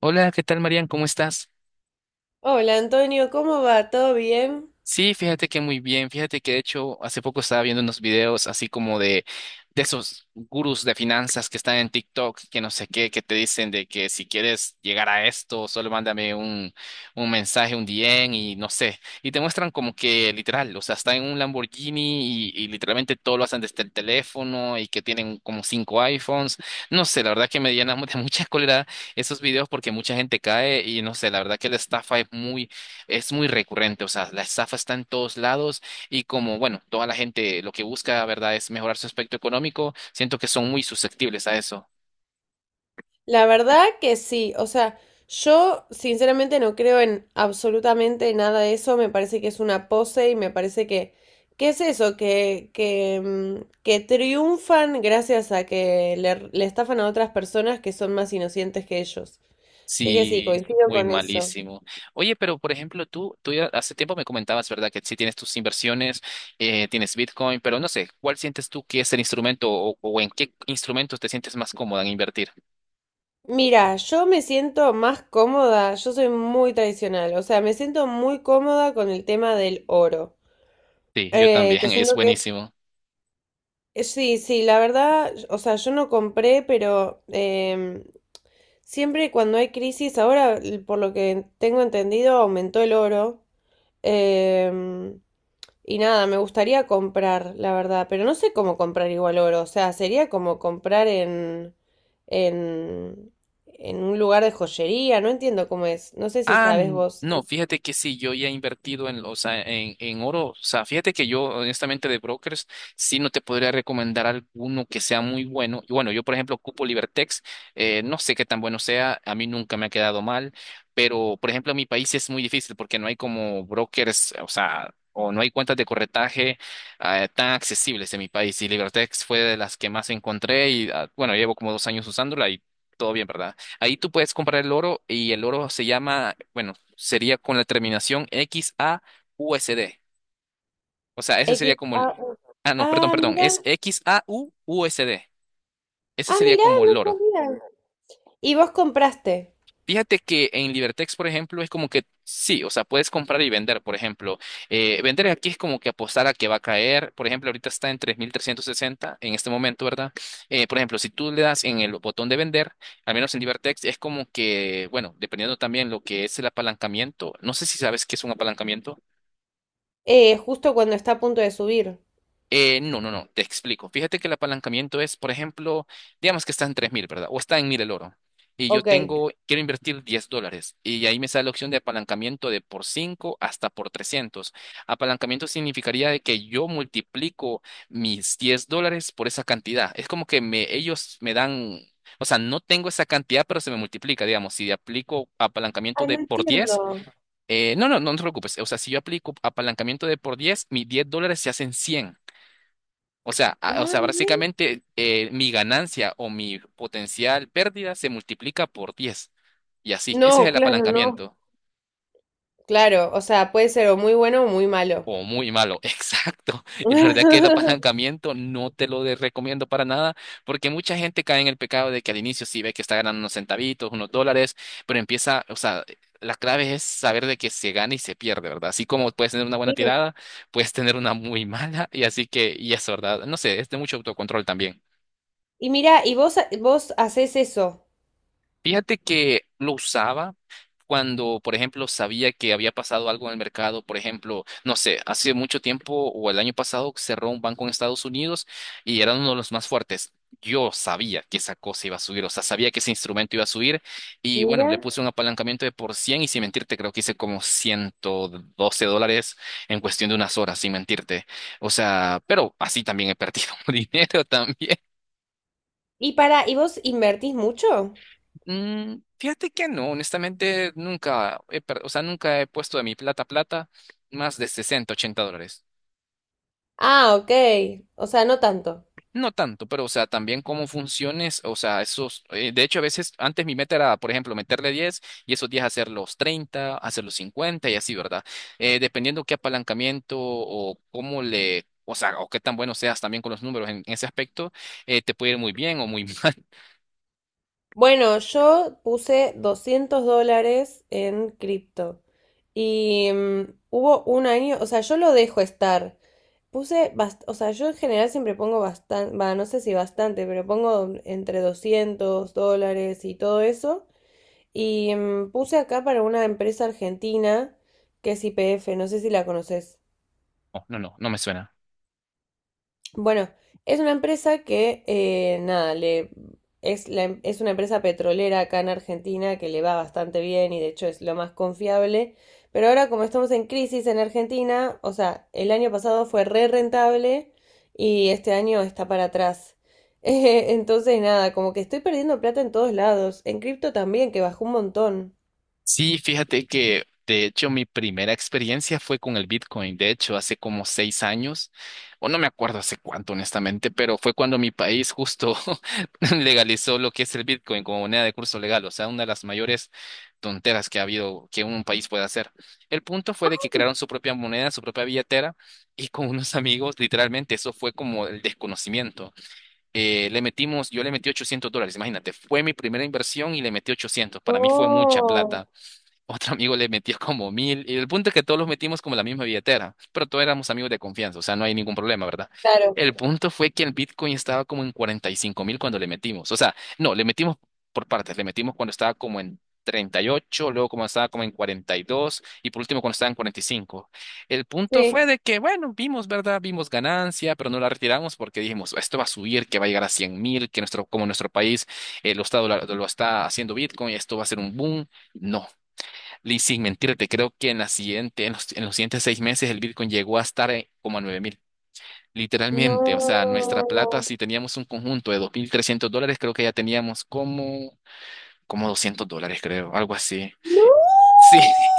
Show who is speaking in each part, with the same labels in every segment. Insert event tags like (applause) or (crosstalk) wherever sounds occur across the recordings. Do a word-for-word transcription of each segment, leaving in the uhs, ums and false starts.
Speaker 1: Hola, ¿qué tal, Marian? ¿Cómo estás?
Speaker 2: Hola Antonio, ¿cómo va? ¿Todo bien?
Speaker 1: Sí, fíjate que muy bien. Fíjate que de hecho hace poco estaba viendo unos videos así como de, de esos gurús de finanzas que están en TikTok, que no sé qué, que te dicen de que si quieres llegar a esto, solo mándame un, un mensaje, un D M y no sé. Y te muestran como que literal, o sea, está en un Lamborghini y, y literalmente todo lo hacen desde el teléfono y que tienen como cinco iPhones. No sé, la verdad que me llenan (laughs) de mucha cólera esos videos porque mucha gente cae y no sé, la verdad que la estafa es muy es muy recurrente, o sea, la estafa está en todos lados y como, bueno, toda la gente lo que busca, ¿verdad?, es mejorar su aspecto económico, siento que son muy susceptibles a eso.
Speaker 2: La verdad que sí, o sea, yo sinceramente no creo en absolutamente nada de eso, me parece que es una pose y me parece que, ¿qué es eso? Que, que, mm, que triunfan gracias a que le, le estafan a otras personas que son más inocentes que ellos. Así que sí,
Speaker 1: Sí,
Speaker 2: coincido
Speaker 1: muy
Speaker 2: con eso.
Speaker 1: malísimo. Oye, pero por ejemplo, tú, tú ya hace tiempo me comentabas, ¿verdad?, que sí tienes tus inversiones, eh, tienes Bitcoin, pero no sé, ¿cuál sientes tú que es el instrumento o, o en qué instrumentos te sientes más cómoda en invertir?
Speaker 2: Mira, yo me siento más cómoda, yo soy muy tradicional, o sea, me siento muy cómoda con el tema del oro.
Speaker 1: Sí, yo
Speaker 2: Eh,
Speaker 1: también,
Speaker 2: que
Speaker 1: (laughs) es
Speaker 2: siento que es.
Speaker 1: buenísimo.
Speaker 2: Eh, Sí, sí, la verdad, o sea, yo no compré, pero em, siempre cuando hay crisis, ahora l- por lo que tengo entendido, aumentó el oro. em, y nada, me gustaría comprar, la verdad, pero no sé cómo comprar igual oro. O sea, sería como comprar en, en, en un lugar de joyería, no entiendo cómo es. No sé si
Speaker 1: Ah,
Speaker 2: sabes
Speaker 1: n-
Speaker 2: vos.
Speaker 1: no, fíjate que sí, yo ya he invertido en, o sea, en, en oro. O sea, fíjate que yo, honestamente, de brokers, sí no te podría recomendar alguno que sea muy bueno. Y bueno, yo, por ejemplo, ocupo Libertex. eh, no sé qué tan bueno sea, a mí nunca me ha quedado mal, pero, por ejemplo, en mi país es muy difícil porque no hay como brokers, o sea, o no hay cuentas de corretaje eh, tan accesibles en mi país. Y Libertex fue de las que más encontré y, ah, bueno, llevo como dos años usándola y todo bien, ¿verdad? Ahí tú puedes comprar el oro y el oro se llama, bueno, sería con la terminación X A U S D. O sea, ese
Speaker 2: X,
Speaker 1: sería como
Speaker 2: A,
Speaker 1: el...
Speaker 2: U.
Speaker 1: Ah, no, perdón,
Speaker 2: Ah,
Speaker 1: perdón, es
Speaker 2: mira,
Speaker 1: XAUUSD. Ese
Speaker 2: ah,
Speaker 1: sería
Speaker 2: mira,
Speaker 1: como
Speaker 2: no
Speaker 1: el oro.
Speaker 2: sabía. Y vos compraste,
Speaker 1: Fíjate que en Libertex, por ejemplo, es como que sí, o sea, puedes comprar y vender, por ejemplo. Eh, vender aquí es como que apostar a que va a caer. Por ejemplo, ahorita está en tres mil trescientos sesenta en este momento, ¿verdad? Eh, por ejemplo, si tú le das en el botón de vender, al menos en Libertex, es como que, bueno, dependiendo también lo que es el apalancamiento. No sé si sabes qué es un apalancamiento.
Speaker 2: eh, justo cuando está a punto de subir.
Speaker 1: Eh, no, no, no, te explico. Fíjate que el apalancamiento es, por ejemplo, digamos que está en tres mil, ¿verdad? O está en mil el oro. Y yo
Speaker 2: Ok. Ay,
Speaker 1: tengo, quiero invertir diez dólares. Y ahí me sale la opción de apalancamiento de por cinco hasta por trescientos. Apalancamiento significaría de que yo multiplico mis diez dólares por esa cantidad. Es como que me, ellos me dan, o sea, no tengo esa cantidad, pero se me multiplica, digamos. Si aplico apalancamiento de
Speaker 2: no
Speaker 1: por diez.
Speaker 2: entiendo.
Speaker 1: Eh, no, no, no te preocupes. O sea, si yo aplico apalancamiento de por diez, mis diez dólares se hacen cien. O sea, a- o
Speaker 2: Ah,
Speaker 1: sea,
Speaker 2: bien.
Speaker 1: básicamente eh, mi ganancia o mi potencial pérdida se multiplica por diez. Y así, ese es
Speaker 2: No,
Speaker 1: el
Speaker 2: claro, no.
Speaker 1: apalancamiento.
Speaker 2: Claro, o sea, puede ser o muy bueno o muy malo.
Speaker 1: O muy malo, (laughs) exacto. Y la verdad que el
Speaker 2: (laughs)
Speaker 1: apalancamiento no te lo de- recomiendo para nada, porque mucha gente cae en el pecado de que al inicio sí ve que está ganando unos centavitos, unos dólares, pero empieza, o sea, la clave es saber de que se gana y se pierde, ¿verdad? Así como puedes tener una buena
Speaker 2: Sí.
Speaker 1: tirada, puedes tener una muy (laughs) mala, y así que, y eso, ¿verdad? No sé, es de mucho autocontrol también.
Speaker 2: Y mira, y vos, ha- vos haces eso.
Speaker 1: Fíjate que lo usaba cuando, por ejemplo, sabía que había pasado algo en el mercado. Por ejemplo, no sé, hace mucho tiempo o el año pasado cerró un banco en Estados Unidos y era uno de los más fuertes. Yo sabía que esa cosa iba a subir, o sea, sabía que ese instrumento iba a subir y bueno, le
Speaker 2: Mira.
Speaker 1: puse un apalancamiento de por cien y sin mentirte, creo que hice como ciento doce dólares en cuestión de unas horas, sin mentirte. O sea, pero así también he perdido (laughs) dinero también.
Speaker 2: Y para, ¿y vos invertís mucho?
Speaker 1: Mm, fíjate que no, honestamente nunca he, per- o sea, nunca he puesto de mi plata plata más de sesenta ochenta dólares.
Speaker 2: Ah, ok. O sea, no tanto.
Speaker 1: No tanto, pero o sea, también cómo funciones, o sea, esos, eh, de hecho a veces antes mi meta era, por ejemplo, meterle diez y esos diez hacer los treinta hacer los cincuenta y así, ¿verdad? Eh, dependiendo qué apalancamiento o cómo le, o sea, o qué tan bueno seas también con los números en, ese aspecto, eh, te puede ir muy bien o muy (laughs) mal.
Speaker 2: Bueno, yo puse doscientos dólares en cripto. Y mm, hubo un año, o sea, yo lo dejo estar. Puse, bast- o sea, yo en general siempre pongo bastante, va, no sé si bastante, pero pongo entre doscientos dólares y todo eso. Y mm, puse acá para una empresa argentina que es I P F, no sé si la conoces.
Speaker 1: No, no, no, no me suena.
Speaker 2: Bueno, es una empresa que, eh, nada, le, es, la em- es una empresa petrolera acá en Argentina que le va bastante bien y de hecho es lo más confiable. Pero ahora como estamos en crisis en Argentina, o sea, el año pasado fue re rentable y este año está para atrás. (laughs) Eh, entonces, nada, como que estoy perdiendo plata en todos lados. En cripto también, que bajó un montón.
Speaker 1: Sí, fíjate que de hecho mi primera experiencia fue con el Bitcoin. De hecho, hace como seis años, o no me acuerdo hace cuánto, honestamente, pero fue cuando mi país justo (laughs) legalizó lo que es el Bitcoin como moneda de curso legal. O sea, una de las mayores tonteras que ha habido que un país puede hacer. El punto fue de que crearon su propia moneda, su propia billetera, y con unos amigos, literalmente, eso fue como el desconocimiento. Eh, le metimos, yo le metí ochocientos dólares, imagínate, fue mi primera inversión y le metí ochocientos. Para mí fue mucha
Speaker 2: No,
Speaker 1: plata. Otro amigo le metió como mil. Y el punto es que todos los metimos como la misma billetera. Pero todos éramos amigos de confianza. O sea, no hay ningún problema, ¿verdad?
Speaker 2: claro,
Speaker 1: El punto fue que el Bitcoin estaba como en cuarenta y cinco mil cuando le metimos. O sea, no, le metimos por partes. Le metimos cuando estaba como en treinta y ocho luego como estaba como en cuarenta y dos y por último cuando estaba en cuarenta y cinco. El punto fue
Speaker 2: sí.
Speaker 1: de que, bueno, vimos, ¿verdad? Vimos ganancia, pero no la retiramos porque dijimos, esto va a subir, que va a llegar a cien mil, que nuestro, como nuestro país eh, lo está, dola- lo está haciendo Bitcoin, esto va a ser un boom. No, y sin mentirte, creo que en la siguiente, en los, en los siguientes seis meses el Bitcoin llegó a estar eh, como a nueve mil. Literalmente, o sea, nuestra plata,
Speaker 2: No.
Speaker 1: si teníamos un conjunto de dos mil trescientos dólares, creo que ya teníamos como, como doscientos dólares, creo, algo así.
Speaker 2: No.
Speaker 1: Sí,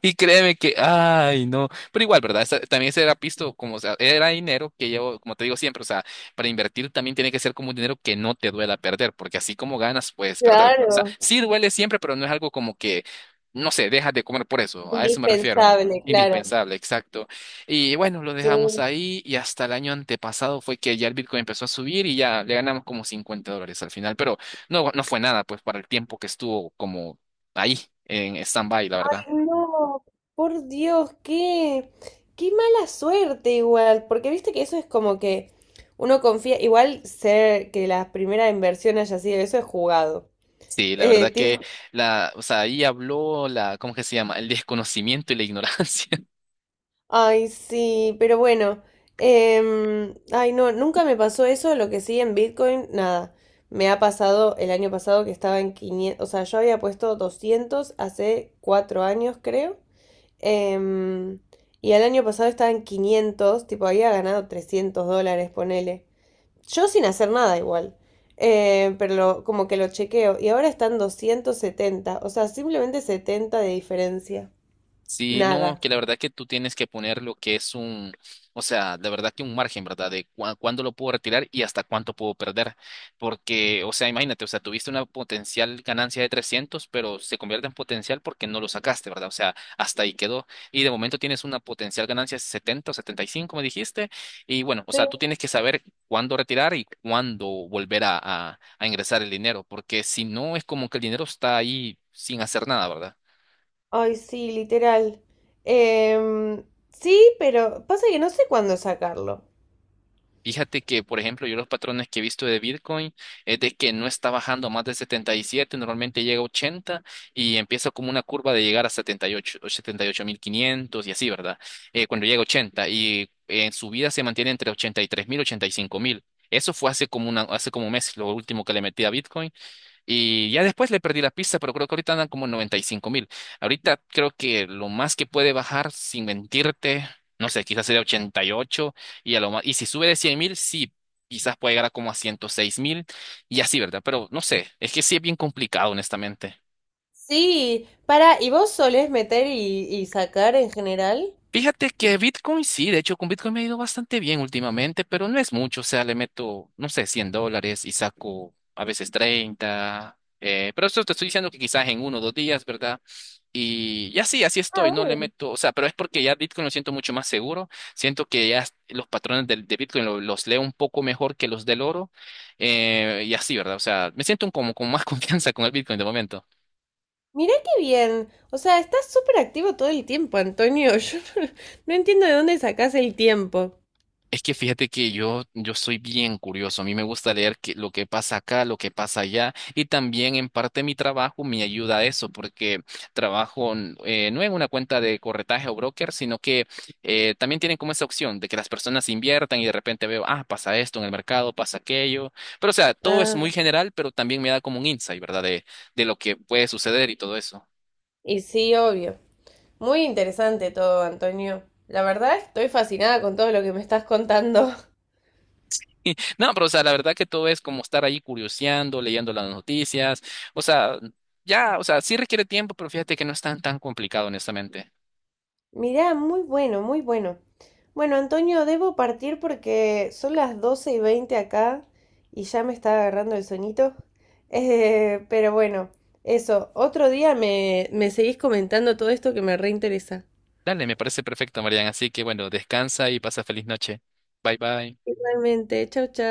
Speaker 1: y créeme que, ay, no. Pero igual, ¿verdad? Esa- también ese era pisto, como, o sea, era dinero que yo, como te digo siempre, o sea, para invertir también tiene que ser como un dinero que no te duela perder, porque así como ganas, puedes perder, ¿verdad? O sea,
Speaker 2: Claro,
Speaker 1: sí duele siempre, pero no es algo como que, no sé, dejas de comer por eso. A eso me refiero.
Speaker 2: indispensable, claro.
Speaker 1: Indispensable, exacto. Y bueno, lo
Speaker 2: Sí.
Speaker 1: dejamos ahí y hasta el año antepasado fue que ya el Bitcoin empezó a subir y ya le ganamos como cincuenta dólares al final, pero no, no fue nada, pues, para el tiempo que estuvo como ahí en stand-by, la verdad.
Speaker 2: Ay, no, por Dios, qué, qué, mala suerte igual, porque viste que eso es como que uno confía, igual ser que la primera inversión haya sido eso es jugado.
Speaker 1: Sí, la
Speaker 2: Eh,
Speaker 1: verdad
Speaker 2: (laughs) tipo,
Speaker 1: que la, o sea, ahí habló la, ¿cómo que se llama? El desconocimiento y la ignorancia.
Speaker 2: ay, sí, pero bueno, em, ay, no, nunca me pasó eso, lo que sí en Bitcoin, nada. Me ha pasado el año pasado que estaba en quinientos, o sea, yo había puesto doscientos hace cuatro años, creo. Em, y el año pasado estaba en quinientos, tipo había ganado trescientos dólares, ponele. Yo sin hacer nada igual. Eh, pero lo- como que lo chequeo. Y ahora están doscientos setenta, o sea, simplemente setenta de diferencia.
Speaker 1: Sí, no,
Speaker 2: Nada.
Speaker 1: que la verdad que tú tienes que poner lo que es un, o sea, la verdad que un margen, ¿verdad? De cua- cuándo lo puedo retirar y hasta cuánto puedo perder. Porque, o sea, imagínate, o sea, tuviste una potencial ganancia de trescientos pero se convierte en potencial porque no lo sacaste, ¿verdad? O sea, hasta ahí quedó. Y de momento tienes una potencial ganancia de setenta o setenta y cinco me dijiste. Y bueno, o sea,
Speaker 2: Sí.
Speaker 1: tú tienes que saber cuándo retirar y cuándo volver a, a a ingresar el dinero, porque si no es como que el dinero está ahí sin hacer nada, ¿verdad?
Speaker 2: Ay, sí, literal. Em, sí, pero pasa que no sé cuándo sacarlo.
Speaker 1: Fíjate que, por ejemplo, yo los patrones que he visto de Bitcoin es de que no está bajando más de setenta y siete, normalmente llega a ochenta y empieza como una curva de llegar a setenta y ocho, o setenta y ocho mil quinientos y ocho mil quinientos y así, ¿verdad? Eh, cuando llega a ochenta y en su vida se mantiene entre ochenta y tres mil y tres mil, y ochenta y cinco mil. Eso fue hace como, una, hace como un mes, lo último que le metí a Bitcoin. Y ya después le perdí la pista, pero creo que ahorita andan como noventa y cinco mil. Ahorita creo que lo más que puede bajar, sin mentirte, no sé, quizás sería ochenta y ocho y ocho. Y, a lo más, y si sube de cien mil, sí, quizás puede llegar a como a ciento seis mil y así, ¿verdad? Pero no sé, es que sí es bien complicado, honestamente.
Speaker 2: Sí, para, ¿y vos solés meter y, y sacar en general?
Speaker 1: Fíjate que Bitcoin sí, de hecho con Bitcoin me ha ido bastante bien últimamente, pero no es mucho, o sea, le meto, no sé, cien dólares y saco a veces treinta, eh, pero eso te estoy diciendo que quizás en uno o dos días, ¿verdad? Y, y así, así estoy, no le
Speaker 2: Ah.
Speaker 1: meto, o sea, pero es porque ya Bitcoin lo siento mucho más seguro, siento que ya los patrones de, de Bitcoin lo- los leo un poco mejor que los del oro, eh, y así, ¿verdad? O sea, me siento como con más (laughs) confianza con el Bitcoin de momento.
Speaker 2: Mirá qué bien. O sea, estás súper activo todo el tiempo, Antonio. (laughs) Yo no, no entiendo de dónde sacás el tiempo.
Speaker 1: Es que fíjate que yo, yo soy bien curioso. A mí me gusta leer que- lo que pasa acá, lo que pasa allá. Y también en parte mi trabajo me ayuda a eso, porque trabajo n- eh, no en una cuenta de corretaje o broker, sino que eh, también tienen como esa opción de que las personas inviertan y de repente veo, ah, pasa esto en el mercado, pasa aquello. Pero o sea, todo es muy
Speaker 2: Ah,
Speaker 1: general, pero también me da como un insight, ¿verdad? De, de lo que puede suceder y todo eso.
Speaker 2: y sí, obvio. Muy interesante todo, Antonio. La verdad, estoy fascinada con todo lo que me estás contando. (laughs)
Speaker 1: No, pero o sea, la verdad que todo es como estar ahí curioseando, leyendo las noticias. O sea, ya, o sea, sí requiere tiempo, pero fíjate que no es tan tan complicado, honestamente.
Speaker 2: Mirá, muy bueno, muy bueno. Bueno, Antonio, debo partir porque son las doce y veinte acá y ya me está agarrando el sueñito. (laughs) Eh, pero bueno, eso, otro día me, me seguís comentando todo esto que me reinteresa.
Speaker 1: Dale, me parece perfecto, Marian. Así que bueno, descansa y pasa feliz noche. Bye bye.
Speaker 2: Igualmente, chao, chao.